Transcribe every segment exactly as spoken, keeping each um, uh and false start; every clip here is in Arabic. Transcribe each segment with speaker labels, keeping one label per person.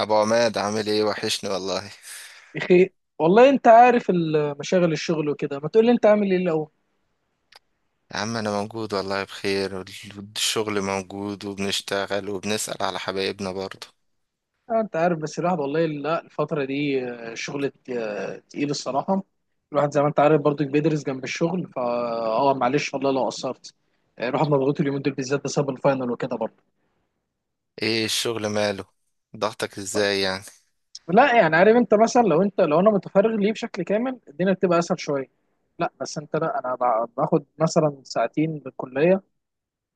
Speaker 1: ابو عماد، عامل ايه؟ وحشني والله.
Speaker 2: بخير والله، انت عارف ال- مشاغل الشغل وكده. ما تقول لي انت عامل ايه الاول؟
Speaker 1: يا عم انا موجود والله، بخير وال- والشغل موجود وبنشتغل وبنسأل على حبايبنا برضه.
Speaker 2: آه، انت عارف، بس الواحد والله لا، الفتره دي آه، شغل ت- آه، تقيل الصراحه. الواحد زي ما انت عارف برضك بيدرس جنب الشغل، فا اه معلش والله لو قصرت. آه، الواحد مضغوط اليومين دول بالذات بسبب الفاينل وكده برضه.
Speaker 1: ايه الشغل ماله؟ ضغطك ازاي يعني؟
Speaker 2: لا يعني، عارف انت مثلا، لو انت، لو انا متفرغ ليه بشكل كامل الدنيا بتبقى اسهل شويه. لا بس انت، لا انا ب- باخد مثلا ساعتين بالكليه،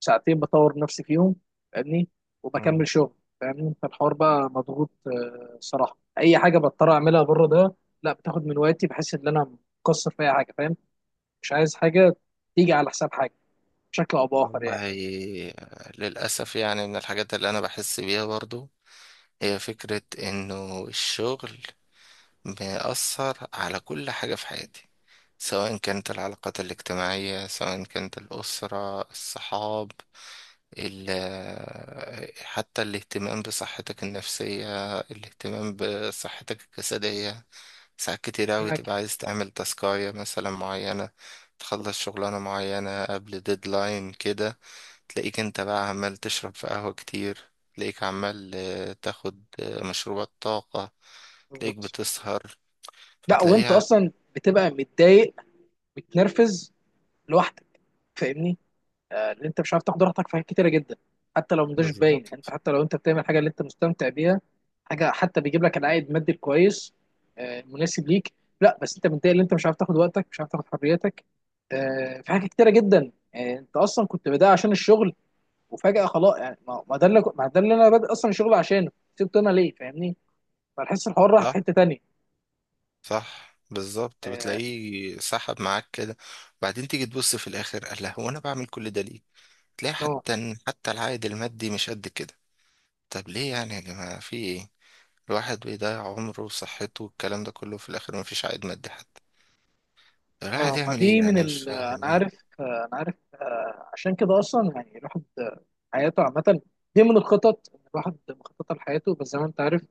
Speaker 2: ساعتين بطور نفسي فيهم. فاهمني؟
Speaker 1: مم.
Speaker 2: وبكمل شغل. فاهمني؟ فالحوار بقى مضغوط، آه، صراحه اي حاجه بضطر اعملها بره ده لا، بتاخد من وقتي، بحس ان انا مقصر في اي حاجه، فاهم؟ مش عايز حاجه تيجي على حساب حاجه بشكل او باخر يعني.
Speaker 1: والله، للأسف يعني من الحاجات اللي انا بحس بيها برضه هي فكرة انه الشغل بيأثر على كل حاجة في حياتي، سواء كانت العلاقات الاجتماعية، سواء كانت الأسرة، الصحاب، ال- حتى الاهتمام بصحتك النفسية، الاهتمام بصحتك الجسدية. ساعات كتير أوي
Speaker 2: معاك.
Speaker 1: تبقى عايز تعمل تاسكاية مثلا معينة، تخلص شغلانة معينة قبل ديدلاين كده. تلاقيك انت بقى عمال تشرب في قهوة كتير، تلاقيك عمال آه، تاخد آه، مشروبات طاقة. تلاقيك
Speaker 2: بالظبط.
Speaker 1: بتسهر،
Speaker 2: لا وانت
Speaker 1: فتلاقيها.
Speaker 2: اصلا بتبقى متضايق، متنرفز، لوحدك. فاهمني؟ آه، ان انت مش عارف تاخد راحتك في حاجات كتيره جدا، حتى لو مش باين.
Speaker 1: بالظبط.
Speaker 2: انت حتى لو انت بتعمل حاجه اللي انت مستمتع بيها، حاجه حتى بيجيب لك العائد المادي الكويس، آه، المناسب ليك. لا بس انت متضايق ان انت مش عارف تاخد وقتك، مش عارف تاخد حريتك. آه، في حاجات كتيره جدا. آه، انت اصلا كنت بدأ عشان الشغل، وفجاه خلاص، يعني ما ما ده اللي ما ده اللي انا بادئ اصلا الشغل عشانه، سبته انا ليه؟ فاهمني؟ فالحس الحوار راح في
Speaker 1: صح،
Speaker 2: حته تانيه.
Speaker 1: صح، بالظبط، بتلاقيه سحب معاك كده. بعدين تيجي تبص في الاخر، قال لها هو انا بعمل كل ده ليه؟ تلاقي
Speaker 2: آه.
Speaker 1: حتى حتى العائد المادي مش قد كده. طب ليه يعني يا جماعة، في ايه؟ الواحد بيضيع عمره وصحته والكلام ده كله في الاخر، مفيش عائد مادي حتى. طب الواحد
Speaker 2: اه ما
Speaker 1: يعمل ايه
Speaker 2: دي من
Speaker 1: يعني؟ مش
Speaker 2: ال، انا
Speaker 1: فاهم.
Speaker 2: عارف. آه، انا عارف. آه، عشان كده اصلا يعني الواحد آه، حياته عامه، دي من الخطط، إن الواحد مخطط لحياته، بس زي ما انت عارف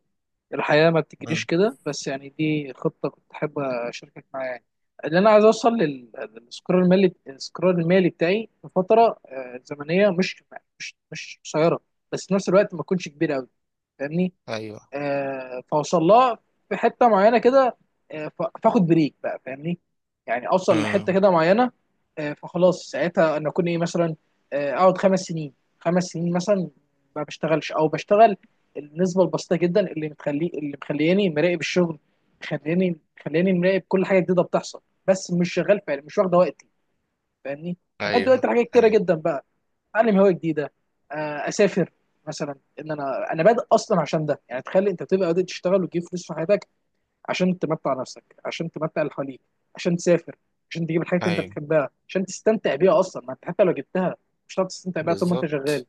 Speaker 2: الحياه ما بتجريش
Speaker 1: مم.
Speaker 2: كده. بس يعني دي خطه كنت حابب اشاركك معايا يعني. اللي انا عايز اوصل لل- للاستقرار المالي، الاستقرار المالي بتاعي في فتره آه، زمنيه مش مش مش قصيره، بس في نفس الوقت ما تكونش كبيره قوي. فاهمني؟
Speaker 1: ايوه.
Speaker 2: آه، فاوصل لها في حته معينه كده، آه، ف- فاخد بريك بقى. فاهمني؟ يعني اوصل لحته
Speaker 1: مم.
Speaker 2: كده معينه. آه، فخلاص ساعتها انا اكون ايه مثلا، آه، اقعد خمس سنين، خمس سنين مثلا، ما بشتغلش، او بشتغل النسبه البسيطه جدا اللي مخلي، اللي مخلياني مراقب الشغل، مخلياني مخلياني مراقب كل حاجه جديده بتحصل، بس مش شغال فعلا، مش واخده وقتي. فاهمني؟ وبدي وقت
Speaker 1: ايوه،
Speaker 2: لحاجات كتيره
Speaker 1: ايوه،
Speaker 2: جدا بقى. اتعلم هوايه جديده، آه، اسافر مثلا. ان انا، انا بادئ اصلا عشان ده، يعني تخيل انت بتبقى بادئ تشتغل وتجيب فلوس في حياتك عشان تمتع نفسك، عشان تمتع اللي حواليك، عشان تسافر، عشان تجيب الحاجات اللي انت
Speaker 1: ايوه،
Speaker 2: بتحبها عشان تستمتع بيها اصلا. ما انت حتى لو جبتها مش هتعرف تستمتع بيها طول ما انت شغال.
Speaker 1: بالظبط.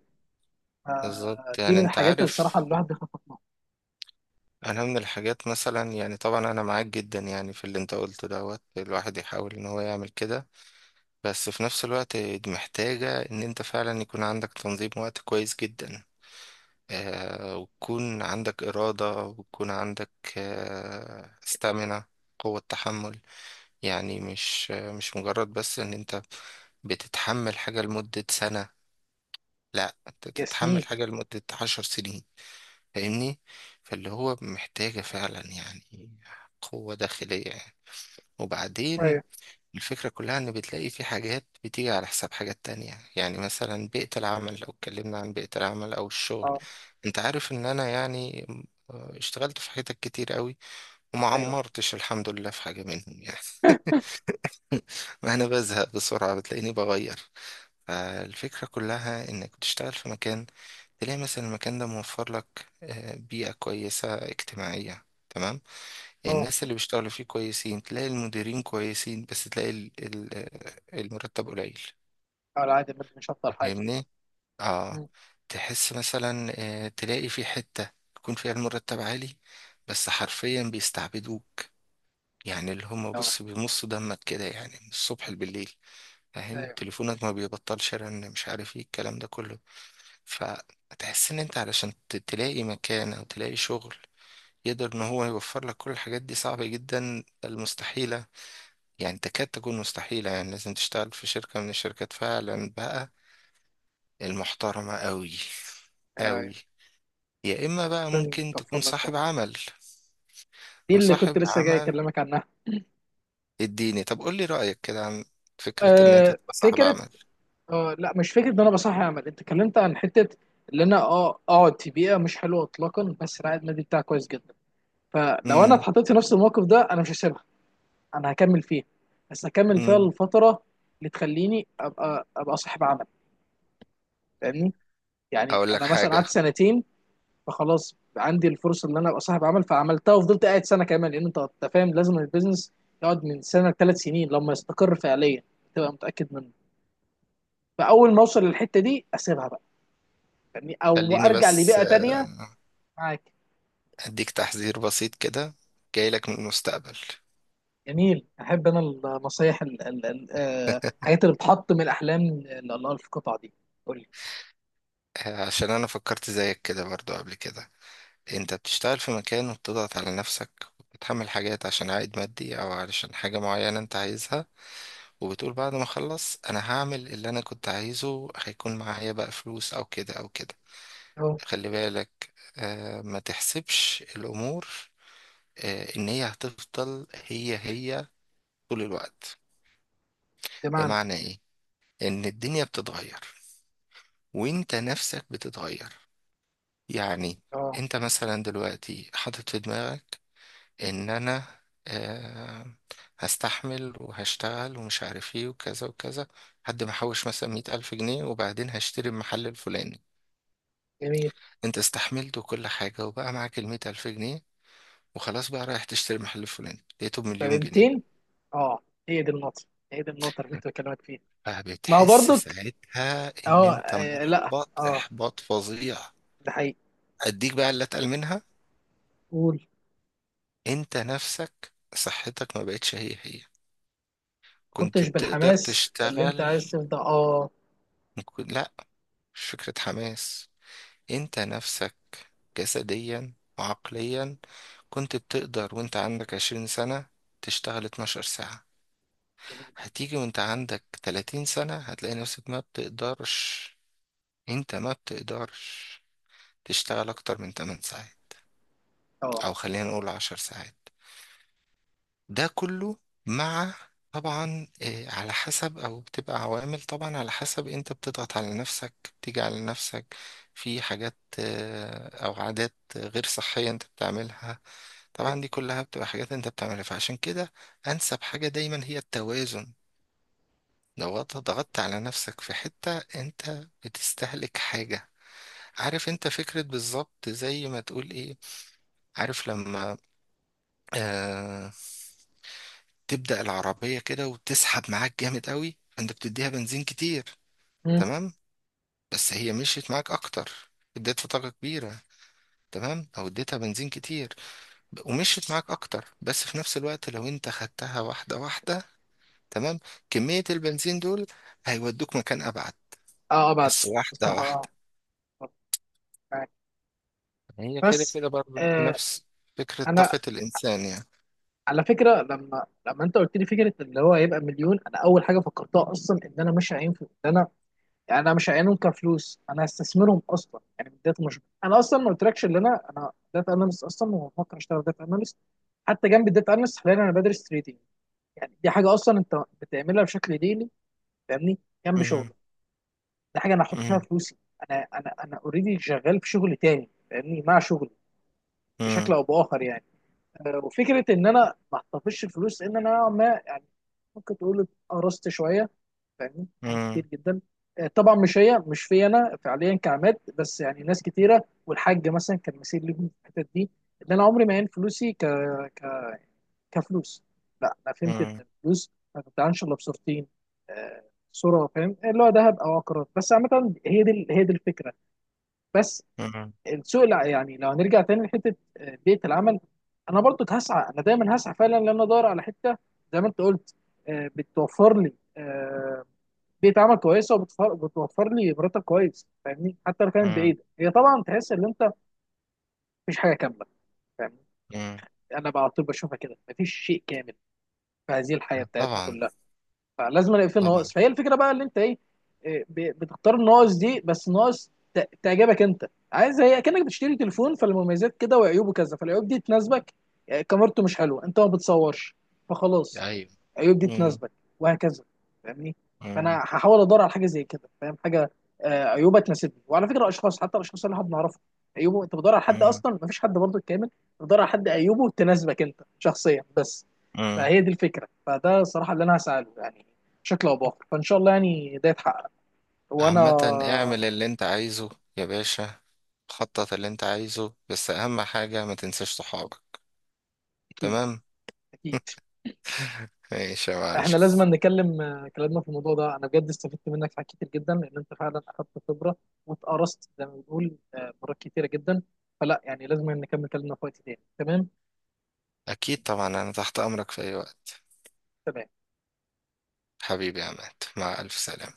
Speaker 2: آه،
Speaker 1: بالظبط
Speaker 2: دي
Speaker 1: يعني
Speaker 2: من
Speaker 1: انت
Speaker 2: الحاجات اللي الصراحه
Speaker 1: عارف،
Speaker 2: اللي الواحد بيخطط لها.
Speaker 1: انا من الحاجات مثلا يعني، طبعا انا معاك جدا يعني في اللي انت قلته، دوت الواحد يحاول ان هو يعمل كده. بس في نفس الوقت دي محتاجة ان انت فعلا يكون عندك تنظيم وقت كويس جدا، آه وتكون عندك إرادة وتكون عندك، آه استامنة، قوة تحمل. يعني مش مش مجرد بس ان انت بتتحمل حاجة لمدة سنة، لا، انت
Speaker 2: يا
Speaker 1: تتحمل
Speaker 2: سنين.
Speaker 1: حاجة لمدة عشر سنين. فاهمني؟ فاللي هو محتاجة فعلا يعني قوة داخلية يعني. وبعدين،
Speaker 2: ايوه.
Speaker 1: الفكرة كلها إن بتلاقي في حاجات بتيجي على حساب حاجات تانية. يعني مثلا بيئة العمل، لو اتكلمنا عن بيئة العمل أو الشغل،
Speaker 2: اه.
Speaker 1: أنت عارف إن أنا يعني، آه، اشتغلت في حتت كتير قوي، وما
Speaker 2: ايوه.
Speaker 1: عمرتش الحمد لله في حاجة منهم يعني. ما أنا بزهق بسرعة، بتلاقيني بغير. فالفكرة كلها إنك بتشتغل في مكان، تلاقي مثلا المكان ده موفر لك آه، بيئة كويسة اجتماعية، تمام. يعني
Speaker 2: اه.
Speaker 1: الناس اللي بيشتغلوا فيه كويسين، تلاقي المديرين كويسين، بس تلاقي ال- ال- آه، المرتب قليل.
Speaker 2: على عادي، ما مش هفضل حاجه.
Speaker 1: فاهمني؟ اه.
Speaker 2: مم.
Speaker 1: تحس مثلا، آه، تلاقي في حتة يكون فيها المرتب عالي، بس حرفيا بيستعبدوك. يعني اللي هم،
Speaker 2: اه.
Speaker 1: بص، بيمصوا دمك كده يعني، من الصبح بالليل. فاهم،
Speaker 2: ايوه.
Speaker 1: تليفونك ما بيبطلش رن، مش عارف ايه الكلام ده كله. فتحس ان انت علشان ت- تلاقي مكان او تلاقي شغل، يقدر ان هو يوفر لك كل الحاجات دي صعبة جدا، المستحيلة. يعني تكاد تكون مستحيلة، يعني لازم تشتغل في شركة من الشركات فعلا بقى، المحترمة قوي
Speaker 2: ايوه. أيوه.
Speaker 1: قوي. يا اما بقى
Speaker 2: عشان
Speaker 1: ممكن تكون
Speaker 2: توفر لك ده.
Speaker 1: صاحب عمل.
Speaker 2: دي اللي كنت
Speaker 1: وصاحب
Speaker 2: لسه جاي
Speaker 1: عمل،
Speaker 2: اكلمك عنها.
Speaker 1: اديني طب قول لي رأيك كده عن فكرة ان انت
Speaker 2: آه،
Speaker 1: تبقى صاحب
Speaker 2: فكره.
Speaker 1: عمل.
Speaker 2: آه لا، مش فكرة ان انا بصحي عمل. انت اتكلمت عن حتة اللي انا اه اقعد في بيئة مش حلوة اطلاقا، بس رعاية النادي بتاعي كويس جدا. فلو انا
Speaker 1: امم.
Speaker 2: اتحطيت في نفس الموقف ده، انا مش هسيبها. انا هكمل فيها، بس هكمل فيها
Speaker 1: امم.
Speaker 2: الفترة اللي تخليني ابقى ابقى صاحب عمل. فاهمني؟ يعني
Speaker 1: اقول لك
Speaker 2: انا مثلا
Speaker 1: حاجة.
Speaker 2: قعدت سنتين، فخلاص عندي الفرصة ان انا ابقى صاحب عمل، فعملتها وفضلت قاعد سنة كمان، لان انت أنت فاهم لازم البيزنس يقعد من سنة لثلاث سنين لما يستقر فعليا، تبقى متأكد منه. فاول ما اوصل للحتة دي اسيبها بقى. يعني او
Speaker 1: خليني
Speaker 2: ارجع
Speaker 1: بس
Speaker 2: لبيئه تانية. معاك.
Speaker 1: اديك تحذير بسيط كده، جاي لك من المستقبل.
Speaker 2: جميل، احب انا النصايح ال- ال- ال- آه، الحاجات اللي بتحط من الاحلام ل- لله في القطعه دي. قول لي.
Speaker 1: عشان انا فكرت زيك كده برضو قبل كده. انت بتشتغل في مكان وبتضغط على نفسك، وبتحمل حاجات عشان عائد مادي او علشان حاجة معينة انت عايزها، وبتقول بعد ما اخلص انا هعمل اللي انا كنت عايزه، هيكون معايا بقى فلوس او كده او كده.
Speaker 2: اه.
Speaker 1: خلي بالك آه ما تحسبش الامور آه ان هي هتفضل هي هي طول الوقت.
Speaker 2: بمعنى.
Speaker 1: بمعنى ايه؟ ان الدنيا بتتغير، وانت نفسك بتتغير يعني.
Speaker 2: اه.
Speaker 1: انت مثلا دلوقتي حاطط في دماغك ان انا، آه، هستحمل وهشتغل ومش عارف ايه وكذا وكذا، لحد ما احوش مثلا مية الف جنيه، وبعدين هشتري المحل الفلاني.
Speaker 2: جميل.
Speaker 1: انت استحملت وكل حاجة وبقى معاك المية الف جنيه، وخلاص بقى رايح تشتري المحل الفلاني، لقيته
Speaker 2: طب
Speaker 1: بمليون جنيه.
Speaker 2: مئتين. اه. هي دي النقطه، هي دي النقطه اللي كنت بكلمك فيها. ما هو
Speaker 1: فبتحس
Speaker 2: برضك
Speaker 1: ساعتها ان
Speaker 2: اه،
Speaker 1: انت
Speaker 2: آه، لا
Speaker 1: محبط
Speaker 2: اه
Speaker 1: احباط فظيع.
Speaker 2: ده حقيقي.
Speaker 1: اديك بقى اللي اتقل منها.
Speaker 2: قول.
Speaker 1: انت نفسك صحتك ما بقتش هي هي، كنت
Speaker 2: كنتش
Speaker 1: بتقدر
Speaker 2: بالحماس اللي انت
Speaker 1: تشتغل.
Speaker 2: عايز تفضل اه.
Speaker 1: ممكن- لا، مش فكرة حماس. انت نفسك جسديا وعقليا، كنت بتقدر وانت عندك عشرين سنة تشتغل اتناشر ساعة.
Speaker 2: جميل.
Speaker 1: هتيجي وانت عندك تلاتين سنة هتلاقي نفسك ما بتقدرش. انت ما بتقدرش تشتغل اكتر من تمن ساعات،
Speaker 2: اه.
Speaker 1: او خلينا نقول عشر ساعات. ده كله مع، طبعا إيه، على حسب، او بتبقى عوامل طبعا على حسب انت بتضغط على نفسك، بتيجي على نفسك في حاجات، آه، او عادات غير صحية انت بتعملها. طبعا دي
Speaker 2: ايوه.
Speaker 1: كلها بتبقى حاجات انت بتعملها، فعشان كده انسب حاجة دايما هي التوازن. لو انت ضغطت على نفسك في حتة، انت بتستهلك حاجة. عارف، انت فكرة بالظبط زي ما تقول ايه، عارف لما آه تبدأ العربية كده وتسحب معاك جامد قوي، انت بتديها بنزين كتير.
Speaker 2: مم.
Speaker 1: تمام. بس هي مشيت معاك اكتر، اديتها طاقة كبيرة، تمام، او اديتها بنزين كتير، ومشيت معاك اكتر. بس في نفس الوقت لو انت خدتها واحدة واحدة، تمام، كمية البنزين دول هيودوك مكان أبعد،
Speaker 2: اه. آه، بعد.
Speaker 1: بس واحدة
Speaker 2: بصراحه اه.
Speaker 1: واحدة.
Speaker 2: آه. معاك.
Speaker 1: هي كده
Speaker 2: بس.
Speaker 1: كده برضه
Speaker 2: آه.
Speaker 1: نفس فكرة
Speaker 2: انا
Speaker 1: طاقة الإنسان يعني.
Speaker 2: على فكره، لما لما انت قلت لي فكره اللي هو هيبقى مليون، انا اول حاجه فكرتها اصلا ان انا مش هينفع ان انا، يعني انا مش هعينهم كفلوس، انا هستثمرهم اصلا يعني من بدايه. مش انا اصلا ما قلتلكش ان انا انا داتا اناليست اصلا، وبفكر اشتغل داتا اناليست. حتى جنب الداتا اناليست حاليا انا بدرس تريدينج، يعني دي حاجه اصلا انت بتعملها بشكل ديلي. فاهمني؟ جنب
Speaker 1: مم،
Speaker 2: شغلك. دي حاجه انا هحط فيها
Speaker 1: مم،
Speaker 2: فلوسي. انا انا انا اوريدي شغال في شغل تاني فاهمني، مع شغلي بشكل
Speaker 1: مم،
Speaker 2: او باخر يعني. آه، وفكره ان انا ما احتفظش الفلوس، لان انا نوعاً ما يعني ممكن تقول قرصت شويه، فاهمني؟ حاجات
Speaker 1: مم،
Speaker 2: كتير جدا. آه، طبعا مش هي، مش في انا فعليا كعماد، بس يعني ناس كتيره والحاج مثلا كان مثير لي في الحتت دي، ان انا عمري ما عين فلوسي ك... ك... كفلوس. لا انا فهمت ان
Speaker 1: مم،
Speaker 2: الفلوس ما بتتعنش الا بصورتين، آه، صوره فاهم اللي هو ذهب او عقارات. بس عامه هي دي هي دي الفكره بس.
Speaker 1: مم،
Speaker 2: السوق لا يعني، لو هنرجع تاني لحته آه، بيئه العمل، انا برضو هسعى، انا دايما هسعى فعلا ان انا ادور على حته، زي ما انت قلت، آه، بتوفر لي آه، بيئه عمل كويسه، وبتوفر بتوفر لي مرتب كويس. فاهمني؟ حتى لو كانت
Speaker 1: مم،
Speaker 2: بعيده، هي طبعا تحس ان انت مفيش حاجه كامله. فاهمني؟
Speaker 1: مم.
Speaker 2: انا بقى على طول بشوفها كده، مفيش شيء كامل في هذه الحياه بتاعتنا
Speaker 1: طبعا.
Speaker 2: كلها، فلازم الاقي فيه ناقص.
Speaker 1: طبعا.
Speaker 2: فهي الفكره بقى اللي انت ايه، إيه، ب- بتختار الناقص دي، بس ناقص ت- تعجبك انت. عايز هي كانك بتشتري تليفون، فالمميزات كده وعيوبه كذا، فالعيوب دي تناسبك، إيه، كاميرته مش حلوه انت ما بتصورش، فخلاص
Speaker 1: أيوة.
Speaker 2: العيوب دي
Speaker 1: مم،
Speaker 2: تناسبك، وهكذا. فاهمني؟ فانا
Speaker 1: مم،
Speaker 2: هحاول ادور على حاجه زي كده. فاهم؟ حاجه آه، عيوبها تناسبني. وعلى فكره اشخاص، حتى الاشخاص اللي احنا بنعرفهم، عيوبه، انت بتدور على حد
Speaker 1: مم،
Speaker 2: اصلا مفيش حد برضه كامل، بتدور على حد عيوبه تناسبك انت شخصيا بس.
Speaker 1: مم.
Speaker 2: فهي دي الفكره. فده الصراحه اللي انا هساله يعني بشكل او باخر. فان شاء الله يعني ده يتحقق. وانا
Speaker 1: عامة اعمل اللي أنت عايزه يا باشا. خطط اللي أنت عايزه، بس أهم حاجة ما تنساش صحابك.
Speaker 2: اكيد.
Speaker 1: تمام.
Speaker 2: اكيد.
Speaker 1: ماشي يا معلم.
Speaker 2: احنا لازم نكلم آه، كلامنا في الموضوع ده، انا بجد استفدت منك في حاجات كتير جدا، لان انت فعلا اخدت خبره واتقرصت زي ما بنقول آه، مرات كتيره جدا. فلا يعني لازم نكمل كلامنا في وقت تاني. تمام.
Speaker 1: أكيد طبعا، أنا تحت أمرك في أي وقت.
Speaker 2: تمام.
Speaker 1: حبيبي يا عماد، مع ألف سلامة.